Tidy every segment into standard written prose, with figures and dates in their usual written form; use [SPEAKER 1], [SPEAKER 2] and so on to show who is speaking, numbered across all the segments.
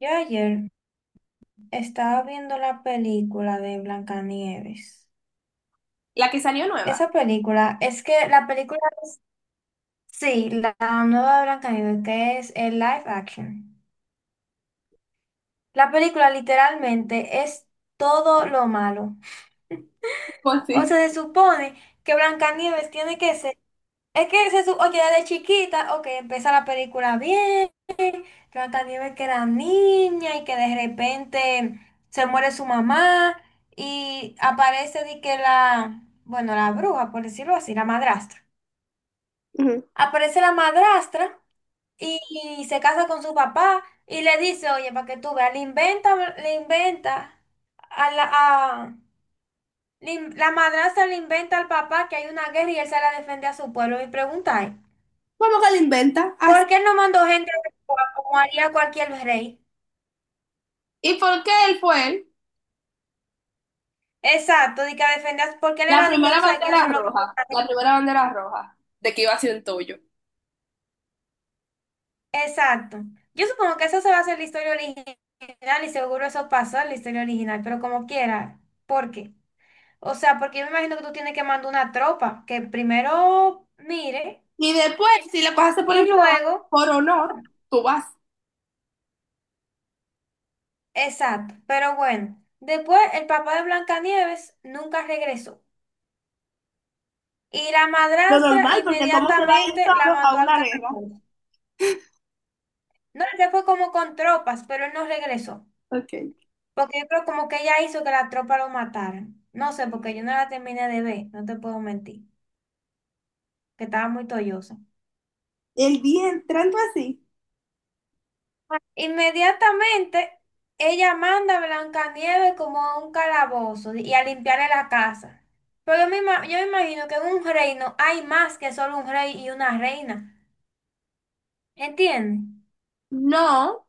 [SPEAKER 1] Yo ayer estaba viendo la película de Blancanieves.
[SPEAKER 2] La que salió nueva.
[SPEAKER 1] Esa película, es que la película es, sí, la nueva de Blancanieves, que es el live action. La película literalmente es todo lo malo.
[SPEAKER 2] Pues
[SPEAKER 1] O
[SPEAKER 2] sí.
[SPEAKER 1] sea, se supone que Blancanieves tiene que ser, es que se supone, oye, desde chiquita, ok, empieza la película bien. Blancanieves que era niña y que de repente se muere su mamá y aparece de que la, bueno, la bruja, por decirlo así, la madrastra.
[SPEAKER 2] Ujú.
[SPEAKER 1] Aparece la madrastra y, y se casa con su papá y le dice, oye, para que tú veas, le inventa a la, a- le in- la madrastra le inventa al papá que hay una guerra y él sale a defender a su pueblo. Y pregunta,
[SPEAKER 2] ¿Cómo que la inventa? Así.
[SPEAKER 1] ¿por qué él no mandó gente como haría cualquier rey?
[SPEAKER 2] ¿Y por qué él fue él?
[SPEAKER 1] Exacto, de que defendas, porque él
[SPEAKER 2] La
[SPEAKER 1] era de que
[SPEAKER 2] primera
[SPEAKER 1] tú sabes que ellos
[SPEAKER 2] bandera
[SPEAKER 1] son los que-
[SPEAKER 2] roja. La primera bandera roja. De que iba a ser un toyo.
[SPEAKER 1] Exacto. Yo supongo que eso se va a hacer la historia original y seguro eso pasó en la historia original, pero como quiera. ¿Por qué? O sea, porque yo me imagino que tú tienes que mandar una tropa que primero mire
[SPEAKER 2] Y después, si las cosas se ponen
[SPEAKER 1] y
[SPEAKER 2] peor,
[SPEAKER 1] luego.
[SPEAKER 2] por honor, tú vas.
[SPEAKER 1] Exacto, pero bueno. Después el papá de Blancanieves nunca regresó. Y la
[SPEAKER 2] Lo
[SPEAKER 1] madrastra
[SPEAKER 2] normal, porque cómo se va él
[SPEAKER 1] inmediatamente la
[SPEAKER 2] solo a
[SPEAKER 1] mandó al
[SPEAKER 2] una guerra.
[SPEAKER 1] caracol. No, él se fue como con tropas, pero él no regresó.
[SPEAKER 2] Ok.
[SPEAKER 1] Porque yo creo como que ella hizo que la tropa lo matara. No sé, porque yo no la terminé de ver, no te puedo mentir, que estaba muy tollosa.
[SPEAKER 2] El día entrando así.
[SPEAKER 1] Inmediatamente, ella manda a Blancanieves como a un calabozo y a limpiarle la casa. Pero yo me imagino que en un reino hay más que solo un rey y una reina. ¿Entiendes?
[SPEAKER 2] No.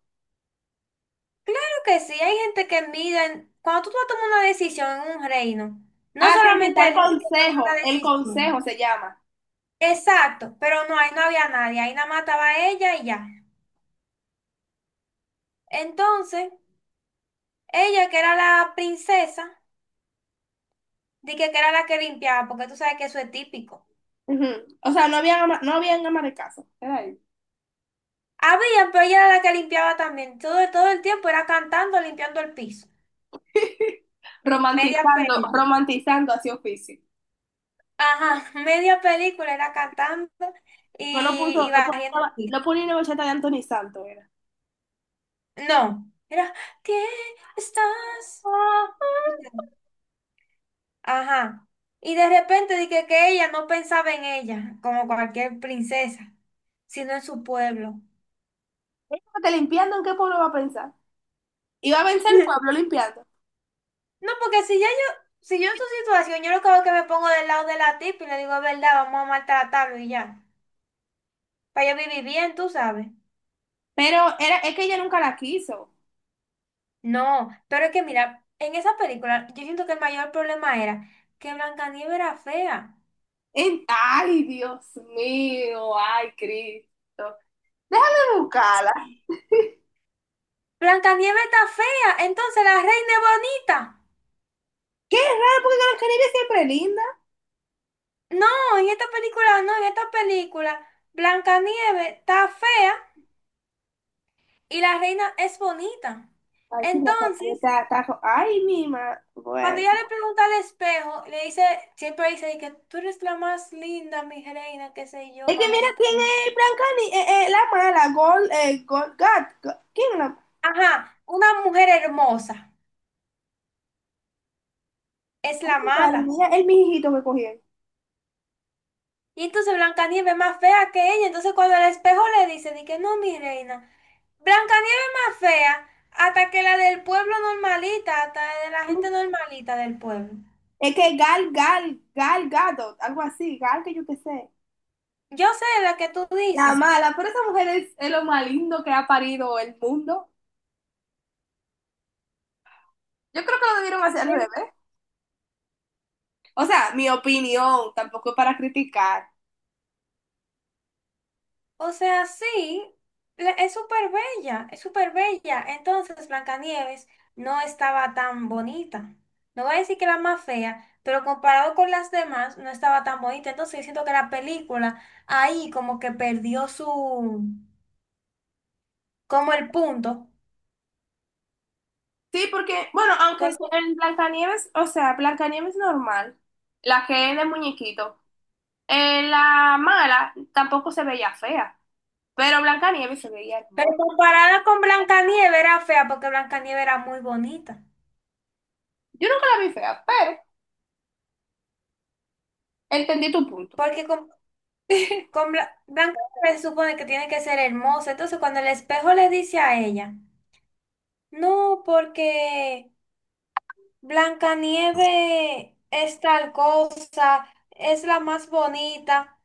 [SPEAKER 1] Claro que sí, hay gente que mira, en- cuando tú vas a tomar una decisión en un reino, no
[SPEAKER 2] Ah, sí, sí,
[SPEAKER 1] solamente
[SPEAKER 2] está el
[SPEAKER 1] el rey que toma la
[SPEAKER 2] consejo. El consejo
[SPEAKER 1] decisión.
[SPEAKER 2] se llama.
[SPEAKER 1] Exacto, pero no, ahí no había nadie, ahí nada más estaba ella y ya. Entonces, ella que era la princesa, dije que era la que limpiaba, porque tú sabes que eso es típico.
[SPEAKER 2] Ujú. O sea, no habían ama de casa. Era ahí.
[SPEAKER 1] Había, pero ella era la que limpiaba también, todo el tiempo era cantando, limpiando el piso. Media
[SPEAKER 2] Romantizando,
[SPEAKER 1] película.
[SPEAKER 2] romantizando hacia oficio.
[SPEAKER 1] Ajá, media película era cantando y,
[SPEAKER 2] Pero no puso,
[SPEAKER 1] y
[SPEAKER 2] no puso,
[SPEAKER 1] barriendo el piso.
[SPEAKER 2] no ponía una bachata de Anthony Santos, era.
[SPEAKER 1] No, era, ¿qué estás?
[SPEAKER 2] Ah,
[SPEAKER 1] Ajá. Y de repente dije que ella no pensaba en ella, como cualquier princesa, sino en su pueblo.
[SPEAKER 2] ah, te limpiando, ¿en qué pueblo va a pensar? Iba a pensar el pueblo limpiando.
[SPEAKER 1] No, porque si yo en su situación, yo lo que hago es que me pongo del lado de la tipa y le digo, es verdad, vamos a maltratarlo y ya. Para yo vivir bien, tú sabes.
[SPEAKER 2] Pero era, es que ella nunca la quiso.
[SPEAKER 1] No, pero es que mira, en esa película yo siento que el mayor problema era que Blancanieves era fea.
[SPEAKER 2] Ay, Dios mío, ay, Cristo. Déjame buscarla.
[SPEAKER 1] Blancanieves está fea, entonces la reina es bonita.
[SPEAKER 2] Qué raro, porque Carol Caribbean siempre es linda.
[SPEAKER 1] No, en esta película, no, en esta película, Blancanieves está fea y la reina es bonita.
[SPEAKER 2] Ay, sí, me acabo de
[SPEAKER 1] Entonces,
[SPEAKER 2] ta- tajo. Ay, mi madre.
[SPEAKER 1] cuando ella le
[SPEAKER 2] Bueno.
[SPEAKER 1] pregunta al espejo, le dice, siempre dice de que tú eres la más linda, mi reina, qué sé yo,
[SPEAKER 2] Es que mira
[SPEAKER 1] majestad.
[SPEAKER 2] quién es Blanca Ni- la mala, ¿Quién es la?
[SPEAKER 1] Ajá, una mujer hermosa es la
[SPEAKER 2] Ay, madre
[SPEAKER 1] mala.
[SPEAKER 2] mía, el mijito que cogieron.
[SPEAKER 1] Y entonces Blancanieves es más fea que ella. Entonces, cuando el espejo le dice, de que no, mi reina, Blancanieves es más fea hasta que la del pueblo normalita, hasta de la gente normalita del pueblo.
[SPEAKER 2] Es que Gal Gadot, algo así, Gal que yo qué sé.
[SPEAKER 1] Yo sé la que tú
[SPEAKER 2] La
[SPEAKER 1] dices.
[SPEAKER 2] mala, pero esa mujer es lo más lindo que ha parido el mundo. Yo creo que lo debieron hacer al
[SPEAKER 1] Sí.
[SPEAKER 2] revés. O sea, mi opinión, tampoco es para criticar.
[SPEAKER 1] O sea, sí, es súper bella, es súper bella. Entonces, Blancanieves no estaba tan bonita. No voy a decir que era más fea, pero comparado con las demás, no estaba tan bonita. Entonces, yo siento que la película ahí como que perdió su, como el punto.
[SPEAKER 2] Sí, porque, bueno, aunque sea
[SPEAKER 1] Porque-
[SPEAKER 2] en Blancanieves, o sea, Blancanieves normal, la que es de muñequito, la mala tampoco se veía fea, pero Blancanieves se veía
[SPEAKER 1] pero
[SPEAKER 2] hermosa.
[SPEAKER 1] comparada con Blancanieves era fea porque Blancanieves era muy bonita.
[SPEAKER 2] Yo nunca la vi fea, pero entendí tu punto.
[SPEAKER 1] Porque Blanca se supone que tiene que ser hermosa. Entonces, cuando el espejo le dice a ella, no, porque Blancanieve es tal cosa, es la más bonita.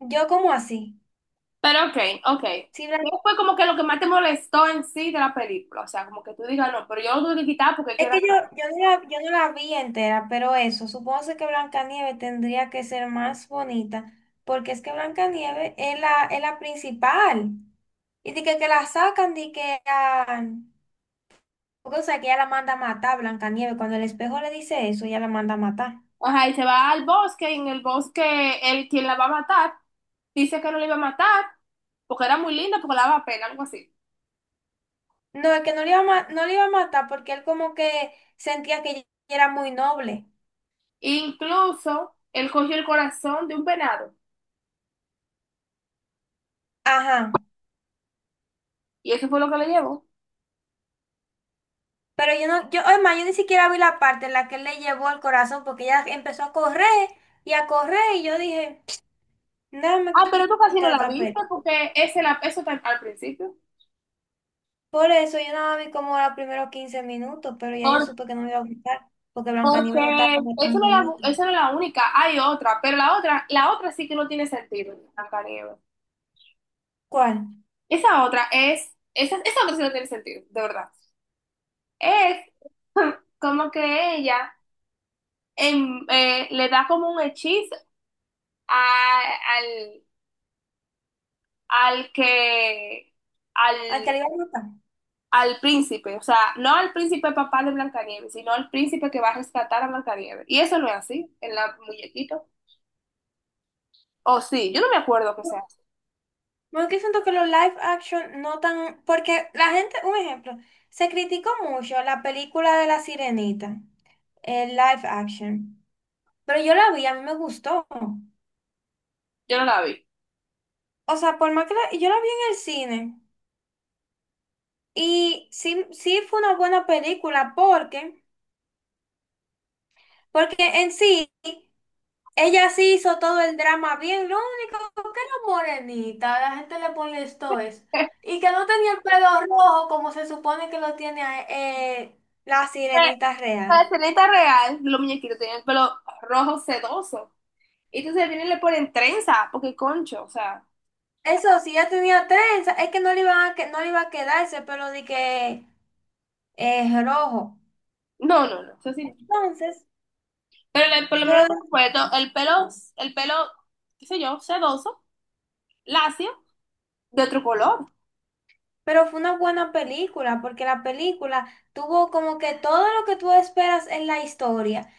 [SPEAKER 1] Yo, como así?
[SPEAKER 2] Pero ok, ok.
[SPEAKER 1] Si
[SPEAKER 2] ¿Qué
[SPEAKER 1] Blan-
[SPEAKER 2] fue como que lo que más te molestó en sí de la película? O sea, como que tú digas, no, pero yo lo tuve que quitar porque
[SPEAKER 1] Es
[SPEAKER 2] queda...
[SPEAKER 1] que yo, yo no la vi entera, pero eso, supongo que Blancanieve tendría que ser más bonita, porque es que Blancanieve es la principal. Y de que la sacan de que a- Porque, o sea, que ella la manda a matar, Blancanieves. Cuando el espejo le dice eso, ella la manda a matar.
[SPEAKER 2] Ajá, y se va al bosque, y en el bosque él quien la va a matar, dice que no la iba a matar, porque era muy linda, porque la daba pena, algo así.
[SPEAKER 1] No, es que no le iba a, ma- no le iba a matar porque él como que sentía que ella era muy noble.
[SPEAKER 2] Incluso, él cogió el corazón de un venado,
[SPEAKER 1] Ajá.
[SPEAKER 2] y eso fue lo que le llevó.
[SPEAKER 1] Pero yo no, yo, además, yo ni siquiera vi la parte en la que él le llevó el corazón porque ella empezó a correr y yo dije, nada me
[SPEAKER 2] Ah, pero tú casi no
[SPEAKER 1] quita
[SPEAKER 2] la
[SPEAKER 1] esta
[SPEAKER 2] viste,
[SPEAKER 1] película.
[SPEAKER 2] porque eso está al principio.
[SPEAKER 1] Por eso yo nada más vi como los primeros 15 minutos, pero ya yo supe que no me iba a gustar porque Blancanieves no estaba
[SPEAKER 2] Porque
[SPEAKER 1] como tan bonita.
[SPEAKER 2] esa no es la única, hay otra, pero la otra sí que no tiene sentido, Blancanieves.
[SPEAKER 1] ¿Cuál?
[SPEAKER 2] Esa otra sí no tiene sentido, de verdad. Es como que ella le da como un hechizo a- al, al que,
[SPEAKER 1] ¿Al
[SPEAKER 2] al,
[SPEAKER 1] que le iba a matar?
[SPEAKER 2] al príncipe, o sea, no al príncipe papá de Blancanieves, sino al príncipe que va a rescatar a Blancanieves. Y eso no es así, en la muñequito. O sí, yo no me acuerdo que sea así,
[SPEAKER 1] Bueno, que siento que los live action no tan, porque la gente, un ejemplo, se criticó mucho la película de La Sirenita, el live action, pero yo la vi, a mí me gustó.
[SPEAKER 2] yo no la vi.
[SPEAKER 1] O sea, por más que yo la vi en el cine y sí, sí fue una buena película porque, porque en sí, ella sí hizo todo el drama bien, ¿no? Morenita, la gente le pone esto es. Y que no tenía el pelo rojo como se supone que lo tiene la
[SPEAKER 2] Eh,
[SPEAKER 1] sirenita real.
[SPEAKER 2] La Ceneta real, los muñequitos tenían el pelo rojo sedoso. Y entonces vienen le ponen trenza, porque concho, o sea,
[SPEAKER 1] Eso sí, ya tenía trenza, es que no le iba a, que, no le iba a quedar ese pelo de que es rojo.
[SPEAKER 2] no, no, no, eso sí no.
[SPEAKER 1] Entonces,
[SPEAKER 2] Por lo menos me
[SPEAKER 1] pero,
[SPEAKER 2] acuerdo, el pelo, qué sé yo, sedoso, lacio, de otro color.
[SPEAKER 1] pero fue una buena película, porque la película tuvo como que todo lo que tú esperas en la historia.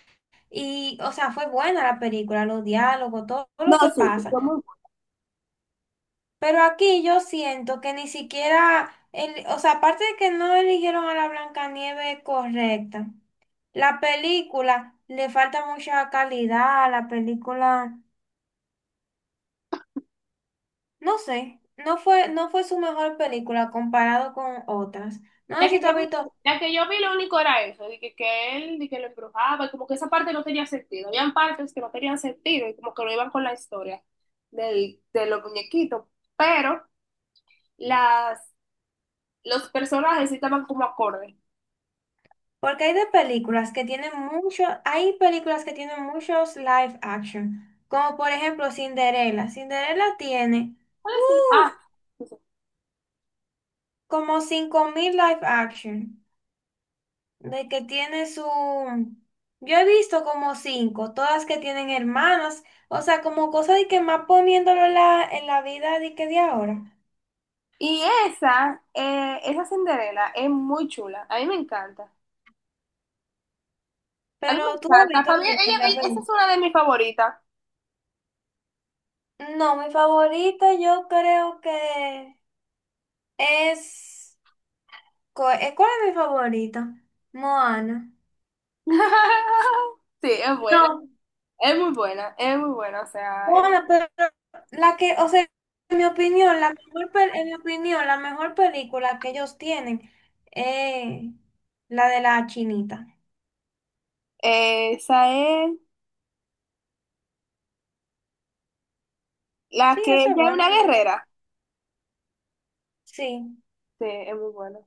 [SPEAKER 1] Y, o sea, fue buena la película, los diálogos, todo
[SPEAKER 2] No,
[SPEAKER 1] lo que
[SPEAKER 2] sí, sí,
[SPEAKER 1] pasa.
[SPEAKER 2] fue muy.
[SPEAKER 1] Pero aquí yo siento que ni siquiera, o sea, aparte de que no eligieron a la Blancanieves correcta, la película le falta mucha calidad a la película, no sé, no fue, no fue su mejor película comparado con otras. No
[SPEAKER 2] Ya
[SPEAKER 1] sé si
[SPEAKER 2] que
[SPEAKER 1] tú
[SPEAKER 2] yo
[SPEAKER 1] has
[SPEAKER 2] vi,
[SPEAKER 1] visto,
[SPEAKER 2] ya que yo vi lo único era eso, que él, de que lo embrujaba, y como que esa parte no tenía sentido. Habían partes que no tenían sentido y como que no iban con la historia de los muñequitos. Pero las los personajes sí estaban como acorde.
[SPEAKER 1] porque hay de películas que tienen mucho, hay películas que tienen muchos live action, como por ejemplo Cinderella. Cinderella tiene,
[SPEAKER 2] ¿Cuál es?
[SPEAKER 1] uff,
[SPEAKER 2] Ah, sí, sí.
[SPEAKER 1] como 5000 live action. De que tiene su... Yo he visto como cinco, todas que tienen hermanas, o sea, como cosa de que más poniéndolo en la vida de que de ahora.
[SPEAKER 2] Y esa, esa Cinderela es muy chula. A mí me encanta. A mí me
[SPEAKER 1] ¿Pero tú has
[SPEAKER 2] encanta.
[SPEAKER 1] visto
[SPEAKER 2] Para mí,
[SPEAKER 1] alguna en la
[SPEAKER 2] esa
[SPEAKER 1] peli?
[SPEAKER 2] es una de mis favoritas.
[SPEAKER 1] No, mi favorita yo creo que es... ¿Cuál es mi favorita? Moana.
[SPEAKER 2] Sí, es buena.
[SPEAKER 1] No,
[SPEAKER 2] Es muy buena. Es muy buena.
[SPEAKER 1] Moana, pero la que, o sea, en mi opinión, la mejor, en mi opinión, la mejor película que ellos tienen es la de la chinita.
[SPEAKER 2] Esa es la
[SPEAKER 1] Sí,
[SPEAKER 2] que
[SPEAKER 1] eso es
[SPEAKER 2] ella es
[SPEAKER 1] bueno,
[SPEAKER 2] una
[SPEAKER 1] en verdad.
[SPEAKER 2] guerrera.
[SPEAKER 1] Sí.
[SPEAKER 2] Sí, es muy buena.